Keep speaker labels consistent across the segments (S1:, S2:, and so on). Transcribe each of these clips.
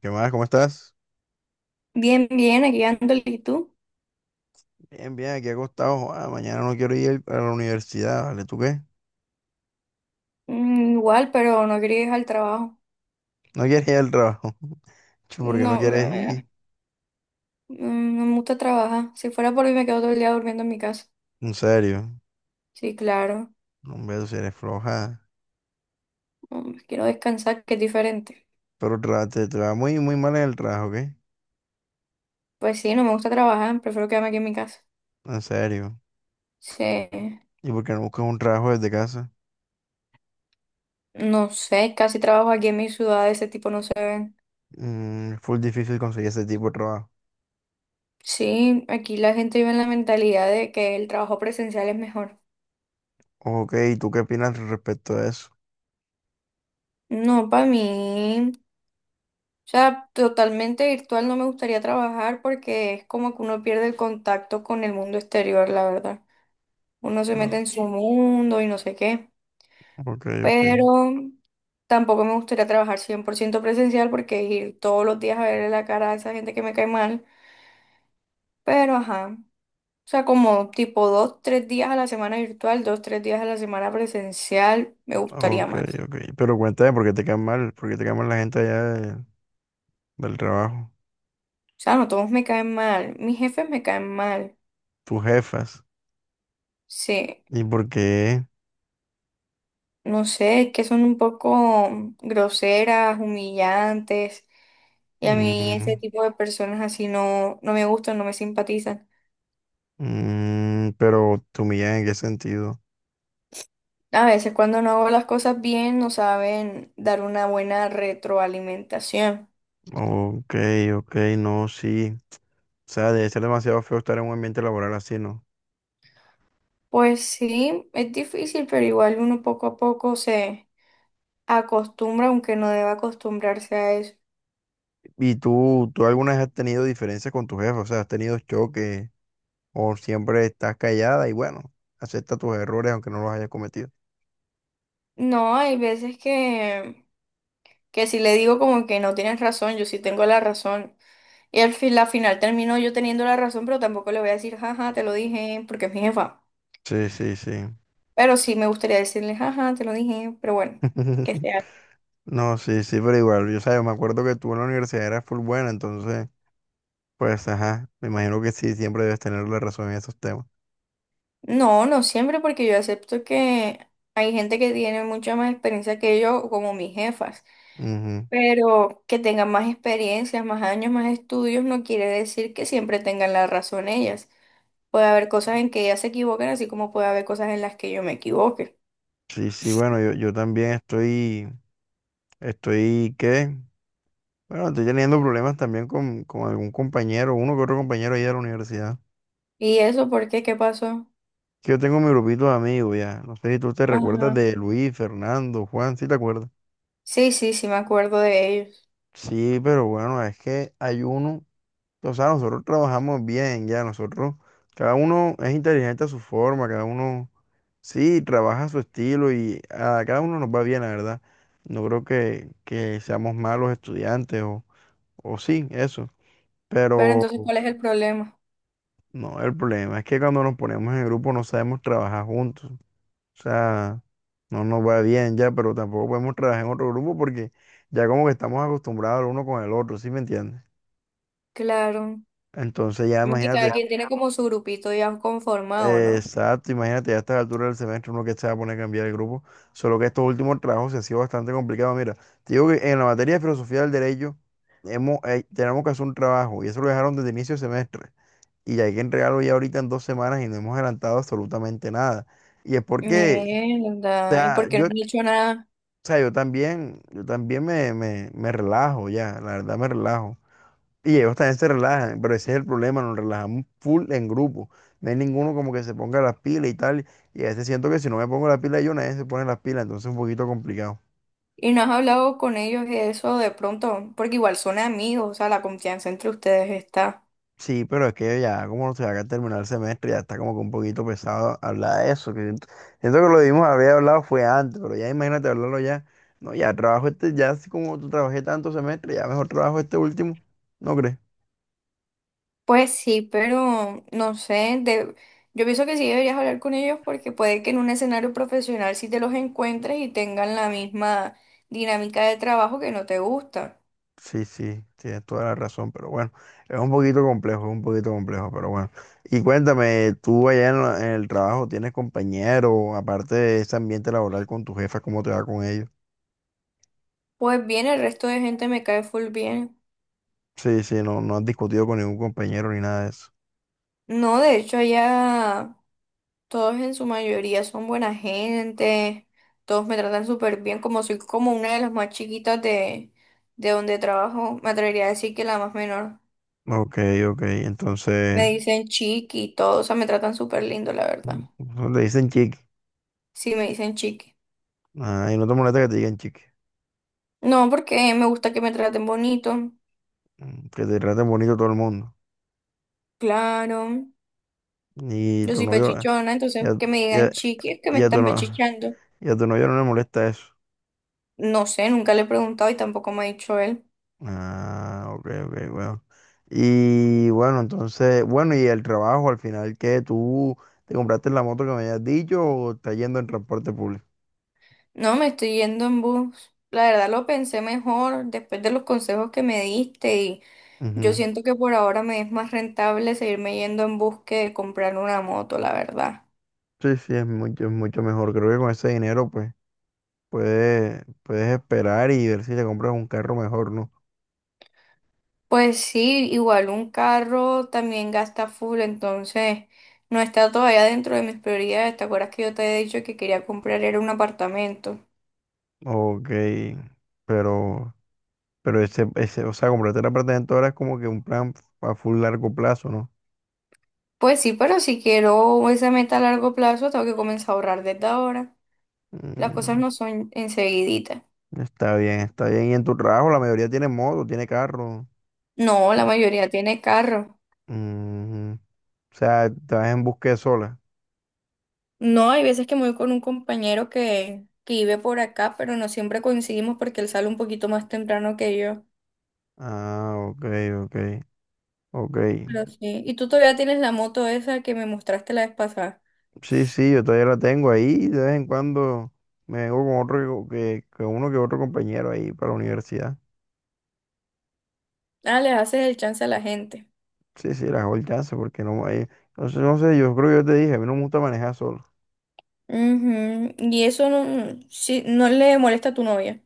S1: ¿Qué más? ¿Cómo estás?
S2: Bien, bien, aquí ando, ¿y tú?
S1: Bien, bien, aquí acostado. Ah, mañana no quiero ir a la universidad, ¿vale? ¿Tú qué?
S2: Igual, pero no quería ir al trabajo.
S1: No quieres ir al trabajo. Chu, ¿por qué no
S2: No,
S1: quieres ir?
S2: no me gusta trabajar. Si fuera por mí me quedo todo el día durmiendo en mi casa.
S1: En serio.
S2: Sí, claro.
S1: No, hombre, tú si eres floja.
S2: Quiero descansar, que es diferente.
S1: Pero te va muy, muy mal en el trabajo, ¿qué?
S2: Pues sí, no me gusta trabajar, prefiero quedarme aquí en mi casa.
S1: En serio.
S2: Sí,
S1: ¿Y por qué no buscas un trabajo desde casa?
S2: no sé, casi trabajo aquí en mi ciudad, de ese tipo no se ven.
S1: Es full difícil conseguir ese tipo de trabajo.
S2: Sí, aquí la gente vive en la mentalidad de que el trabajo presencial es mejor.
S1: Ok, ¿y tú qué opinas respecto a eso?
S2: No, para mí. O sea, totalmente virtual no me gustaría trabajar porque es como que uno pierde el contacto con el mundo exterior, la verdad. Uno se mete
S1: No.
S2: en su mundo y no sé qué.
S1: Ok, ok.
S2: Pero tampoco me gustaría trabajar 100% presencial porque ir todos los días a verle la cara a esa gente que me cae mal. Pero ajá. O sea, como tipo dos, tres días a la semana virtual, dos, tres días a la semana presencial, me gustaría
S1: Ok,
S2: más.
S1: ok. Pero cuéntame, ¿por qué te cae mal? ¿Por qué te cae mal la gente allá del trabajo?
S2: O sea, no todos me caen mal. Mis jefes me caen mal.
S1: Tus jefas.
S2: Sí.
S1: ¿Y por qué?
S2: No sé, es que son un poco groseras, humillantes, y a mí ese
S1: Mm,
S2: tipo de personas así no, no me gustan, no me simpatizan.
S1: pero tu humillan en qué sentido?
S2: A veces cuando no hago las cosas bien no saben dar una buena retroalimentación.
S1: Ok, ok, no, sí. O sea, debe ser demasiado feo estar en un ambiente laboral así, ¿no?
S2: Pues sí, es difícil, pero igual uno poco a poco se acostumbra, aunque no deba acostumbrarse a eso.
S1: ¿Y tú alguna vez has tenido diferencias con tu jefe? O sea, ¿has tenido choques o siempre estás callada y bueno, acepta tus errores aunque no los hayas cometido?
S2: No, hay veces que si le digo como que no tienes razón, yo sí tengo la razón. Y al fin, la final terminó yo teniendo la razón, pero tampoco le voy a decir, jaja, te lo dije, porque es mi jefa.
S1: Sí, sí, sí.
S2: Pero sí me gustaría decirle, jaja, te lo dije, pero bueno, que sea.
S1: No, sí, sí, pero igual, yo, sabes me acuerdo que tú en la universidad eras full buena, entonces, pues, ajá, me imagino que sí, siempre debes tener la razón en esos temas.
S2: No, no siempre, porque yo acepto que hay gente que tiene mucha más experiencia que yo, como mis jefas.
S1: Ujú.
S2: Pero que tengan más experiencias, más años, más estudios, no quiere decir que siempre tengan la razón ellas. Puede haber cosas en que ellas se equivoquen, así como puede haber cosas en las que yo me equivoque.
S1: Sí, sí, bueno, yo también estoy, ¿qué? Bueno, estoy teniendo problemas también con algún compañero, uno que otro compañero ahí de la universidad.
S2: ¿Y eso por qué? ¿Qué pasó?
S1: Que yo tengo mi grupito de amigos ya. No sé si tú te recuerdas
S2: Ajá.
S1: de Luis, Fernando, Juan, ¿sí te acuerdas?
S2: Sí, sí, sí, me acuerdo de ellos.
S1: Sí, pero bueno, es que hay uno, o sea, nosotros trabajamos bien ya, nosotros, cada uno es inteligente a su forma, cada uno, sí, trabaja a su estilo y a cada uno nos va bien, la verdad. No creo que seamos malos estudiantes o O sí, eso.
S2: Pero
S1: Pero
S2: entonces, ¿cuál es el problema?
S1: no, el problema es que cuando nos ponemos en grupo no sabemos trabajar juntos. O sea, no nos va bien ya, pero tampoco podemos trabajar en otro grupo porque ya como que estamos acostumbrados el uno con el otro, ¿sí me entiendes?
S2: Claro.
S1: Entonces ya
S2: Más que cada
S1: imagínate,
S2: quien tiene como su grupito ya conformado, ¿no?
S1: exacto, imagínate ya a esta altura del semestre uno que se va a poner a cambiar el grupo. Solo que estos últimos trabajos se han sido bastante complicados. Mira, te digo que en la materia de filosofía del derecho tenemos que hacer un trabajo y eso lo dejaron desde inicio de semestre. Y hay que entregarlo ya ahorita en 2 semanas y no hemos adelantado absolutamente nada. Y es porque,
S2: Mierda. ¿Y por qué no han
S1: o
S2: dicho nada?
S1: sea, yo también me relajo ya, la verdad me relajo. Y ellos también se relajan, pero ese es el problema, nos relajamos full en grupo. No hay ninguno como que se ponga las pilas y tal. Y a veces siento que si no me pongo las pilas yo, nadie se pone las pilas, entonces es un poquito complicado.
S2: ¿Y no has hablado con ellos de eso de pronto? Porque igual son amigos, o sea, la confianza entre ustedes está.
S1: Sí, pero es que ya como se va a terminar el semestre, ya está como que un poquito pesado hablar de eso. Que siento que lo vimos, habría hablado fue antes, pero ya imagínate hablarlo ya. No, ya trabajo este, ya así como tú trabajé tanto semestre, ya mejor trabajo este último, ¿no crees?
S2: Pues sí, pero no sé, de... yo pienso que sí deberías hablar con ellos porque puede que en un escenario profesional sí te los encuentres y tengan la misma dinámica de trabajo que no te gusta.
S1: Sí, sí, tienes toda la razón, pero bueno, es un poquito complejo, es un poquito complejo, pero bueno. Y cuéntame, tú allá en el trabajo, ¿tienes compañero, aparte de ese ambiente laboral con tu jefa, cómo te va con ellos?
S2: Pues bien, el resto de gente me cae full bien.
S1: Sí, sí, no, no has discutido con ningún compañero ni nada de eso.
S2: No, de hecho allá todos en su mayoría son buena gente, todos me tratan súper bien, como soy como una de las más chiquitas de donde trabajo, me atrevería a decir que la más menor.
S1: Ok, ok.
S2: Me
S1: Entonces,
S2: dicen chiqui y todo, o sea, me tratan súper lindo, la verdad.
S1: le dicen chiqui.
S2: Sí, me dicen chiqui.
S1: Ah, y no te molesta que te digan chiqui.
S2: No, porque me gusta que me traten bonito,
S1: Que te traten bonito todo el mundo.
S2: claro.
S1: Y
S2: Yo
S1: tu
S2: soy
S1: novio,
S2: pechichona,
S1: ya,
S2: entonces que me
S1: ya,
S2: digan chiqui es que me
S1: ya tu
S2: están
S1: no,
S2: pechichando.
S1: y a tu novio no le molesta eso.
S2: No sé, nunca le he preguntado y tampoco me ha dicho él.
S1: Ah, ok, ok, bueno. Y bueno, entonces, bueno, y el trabajo al final, ¿qué? ¿Tú te compraste la moto que me habías dicho o estás yendo en transporte público?
S2: No, me estoy yendo en bus. La verdad lo pensé mejor después de los consejos que me diste y yo
S1: Ujú.
S2: siento que por ahora me es más rentable seguirme yendo en bus que comprar una moto, la verdad.
S1: Sí, sí, es mucho mejor. Creo que con ese dinero, pues, puedes esperar y ver si te compras un carro mejor, ¿no?
S2: Pues sí, igual un carro también gasta full, entonces no está todavía dentro de mis prioridades. ¿Te acuerdas que yo te he dicho que quería comprar era un apartamento?
S1: Ok, pero, pero ese, o sea, comprarte la patente ahora es como que un plan a full largo plazo, ¿no?
S2: Pues sí, pero si quiero esa meta a largo plazo, tengo que comenzar a ahorrar desde ahora. Las cosas
S1: Mm,
S2: no son enseguiditas.
S1: está bien, está bien. Y en tu trabajo la mayoría tiene moto, tiene carro.
S2: No, la
S1: Entonces,
S2: mayoría tiene carro.
S1: mm, o sea, te vas en búsqueda sola.
S2: No, hay veces que me voy con un compañero que vive por acá, pero no siempre coincidimos porque él sale un poquito más temprano que yo.
S1: Ah, ok, ok, ok.
S2: Pero sí. Y tú todavía tienes la moto esa que me mostraste la vez pasada.
S1: Sí, sí, yo todavía la tengo ahí. De vez en cuando me vengo con otro que uno que otro compañero ahí para la universidad.
S2: Ah, les haces el chance a la gente.
S1: Sí, sí, la hago el chance porque no, no sé, no sé, yo creo que yo te dije, a mí no me gusta manejar solo.
S2: Ujú. Y eso no, sí, no le molesta a tu novia.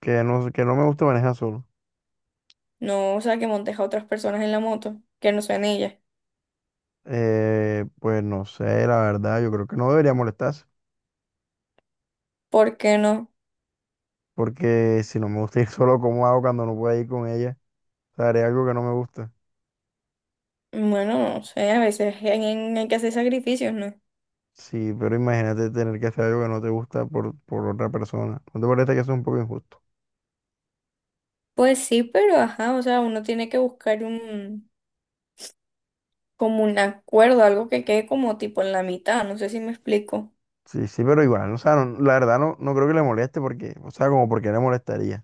S1: Que no, que no me gusta manejar solo.
S2: No, o sea, que montes a otras personas en la moto, que no sean ellas.
S1: Pues no sé, la verdad, yo creo que no debería molestarse,
S2: ¿Por qué no?
S1: porque si no me gusta ir solo, ¿cómo hago cuando no pueda ir con ella? O sea, haré algo que no me gusta.
S2: Bueno, no sé, a veces hay que hacer sacrificios, ¿no?
S1: Sí, pero imagínate tener que hacer algo que no te gusta por otra persona. ¿No te parece que eso es un poco injusto?
S2: Pues sí, pero ajá, o sea, uno tiene que buscar un como un acuerdo, algo que quede como tipo en la mitad, no sé si me explico.
S1: Sí, sí, pero igual, o sea, la verdad no, no creo que le moleste porque, o sea, como porque le molestaría.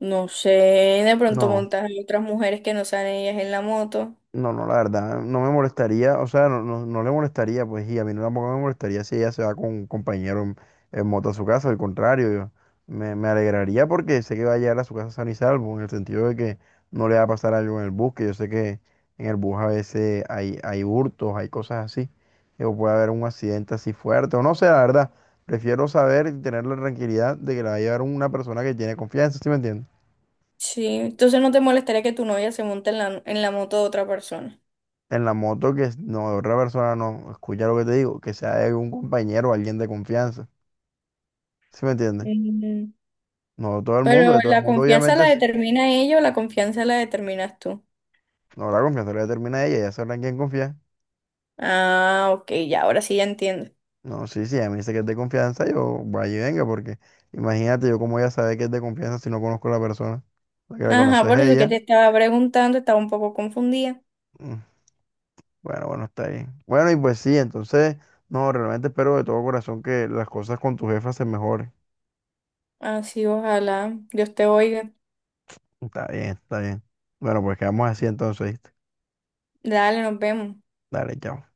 S2: No sé, de pronto
S1: No.
S2: montas a otras mujeres que no sean ellas en la moto.
S1: No, no, la verdad, no me molestaría, o sea, no, no, no le molestaría, pues, y a mí no tampoco me molestaría si ella se va con un compañero en moto a su casa, al contrario, yo me alegraría porque sé que va a llegar a su casa sano y salvo, en el sentido de que no le va a pasar algo en el bus, que yo sé que en el bus a veces hay hurtos, hay cosas así, o puede haber un accidente así fuerte, o no sé, la verdad, prefiero saber y tener la tranquilidad de que la va a llevar una persona que tiene confianza, ¿sí me entiendes?
S2: Sí, entonces no te molestaría que tu novia se monte en la moto de otra persona.
S1: En la moto que no, otra persona no, escucha lo que te digo, que sea de un compañero o alguien de confianza. ¿Sí me entiendes?
S2: Mm.
S1: No todo el mundo,
S2: Pero
S1: de todo el
S2: la
S1: mundo
S2: confianza la
S1: obviamente sí.
S2: determina ella o la confianza la determinas tú.
S1: No, la confianza la determina ella, ella sabrá en quién confía.
S2: Ah, ok, ya, ahora sí ya entiendo.
S1: No, sí, sí, a mí dice que es de confianza, yo vaya y venga, porque imagínate yo cómo ella sabe que es de confianza si no conozco a la persona. La que la
S2: Ajá,
S1: conoces es
S2: por eso es que
S1: ella.
S2: te estaba preguntando, estaba un poco confundida.
S1: Mm, Bueno, bueno, está bien. Bueno, y pues sí, entonces, no, realmente espero de todo corazón que las cosas con tu jefa se mejoren.
S2: Así, ojalá Dios te oiga.
S1: Está bien, está bien. Bueno, pues quedamos así entonces, ¿viste?
S2: Dale, nos vemos.
S1: Dale, chao.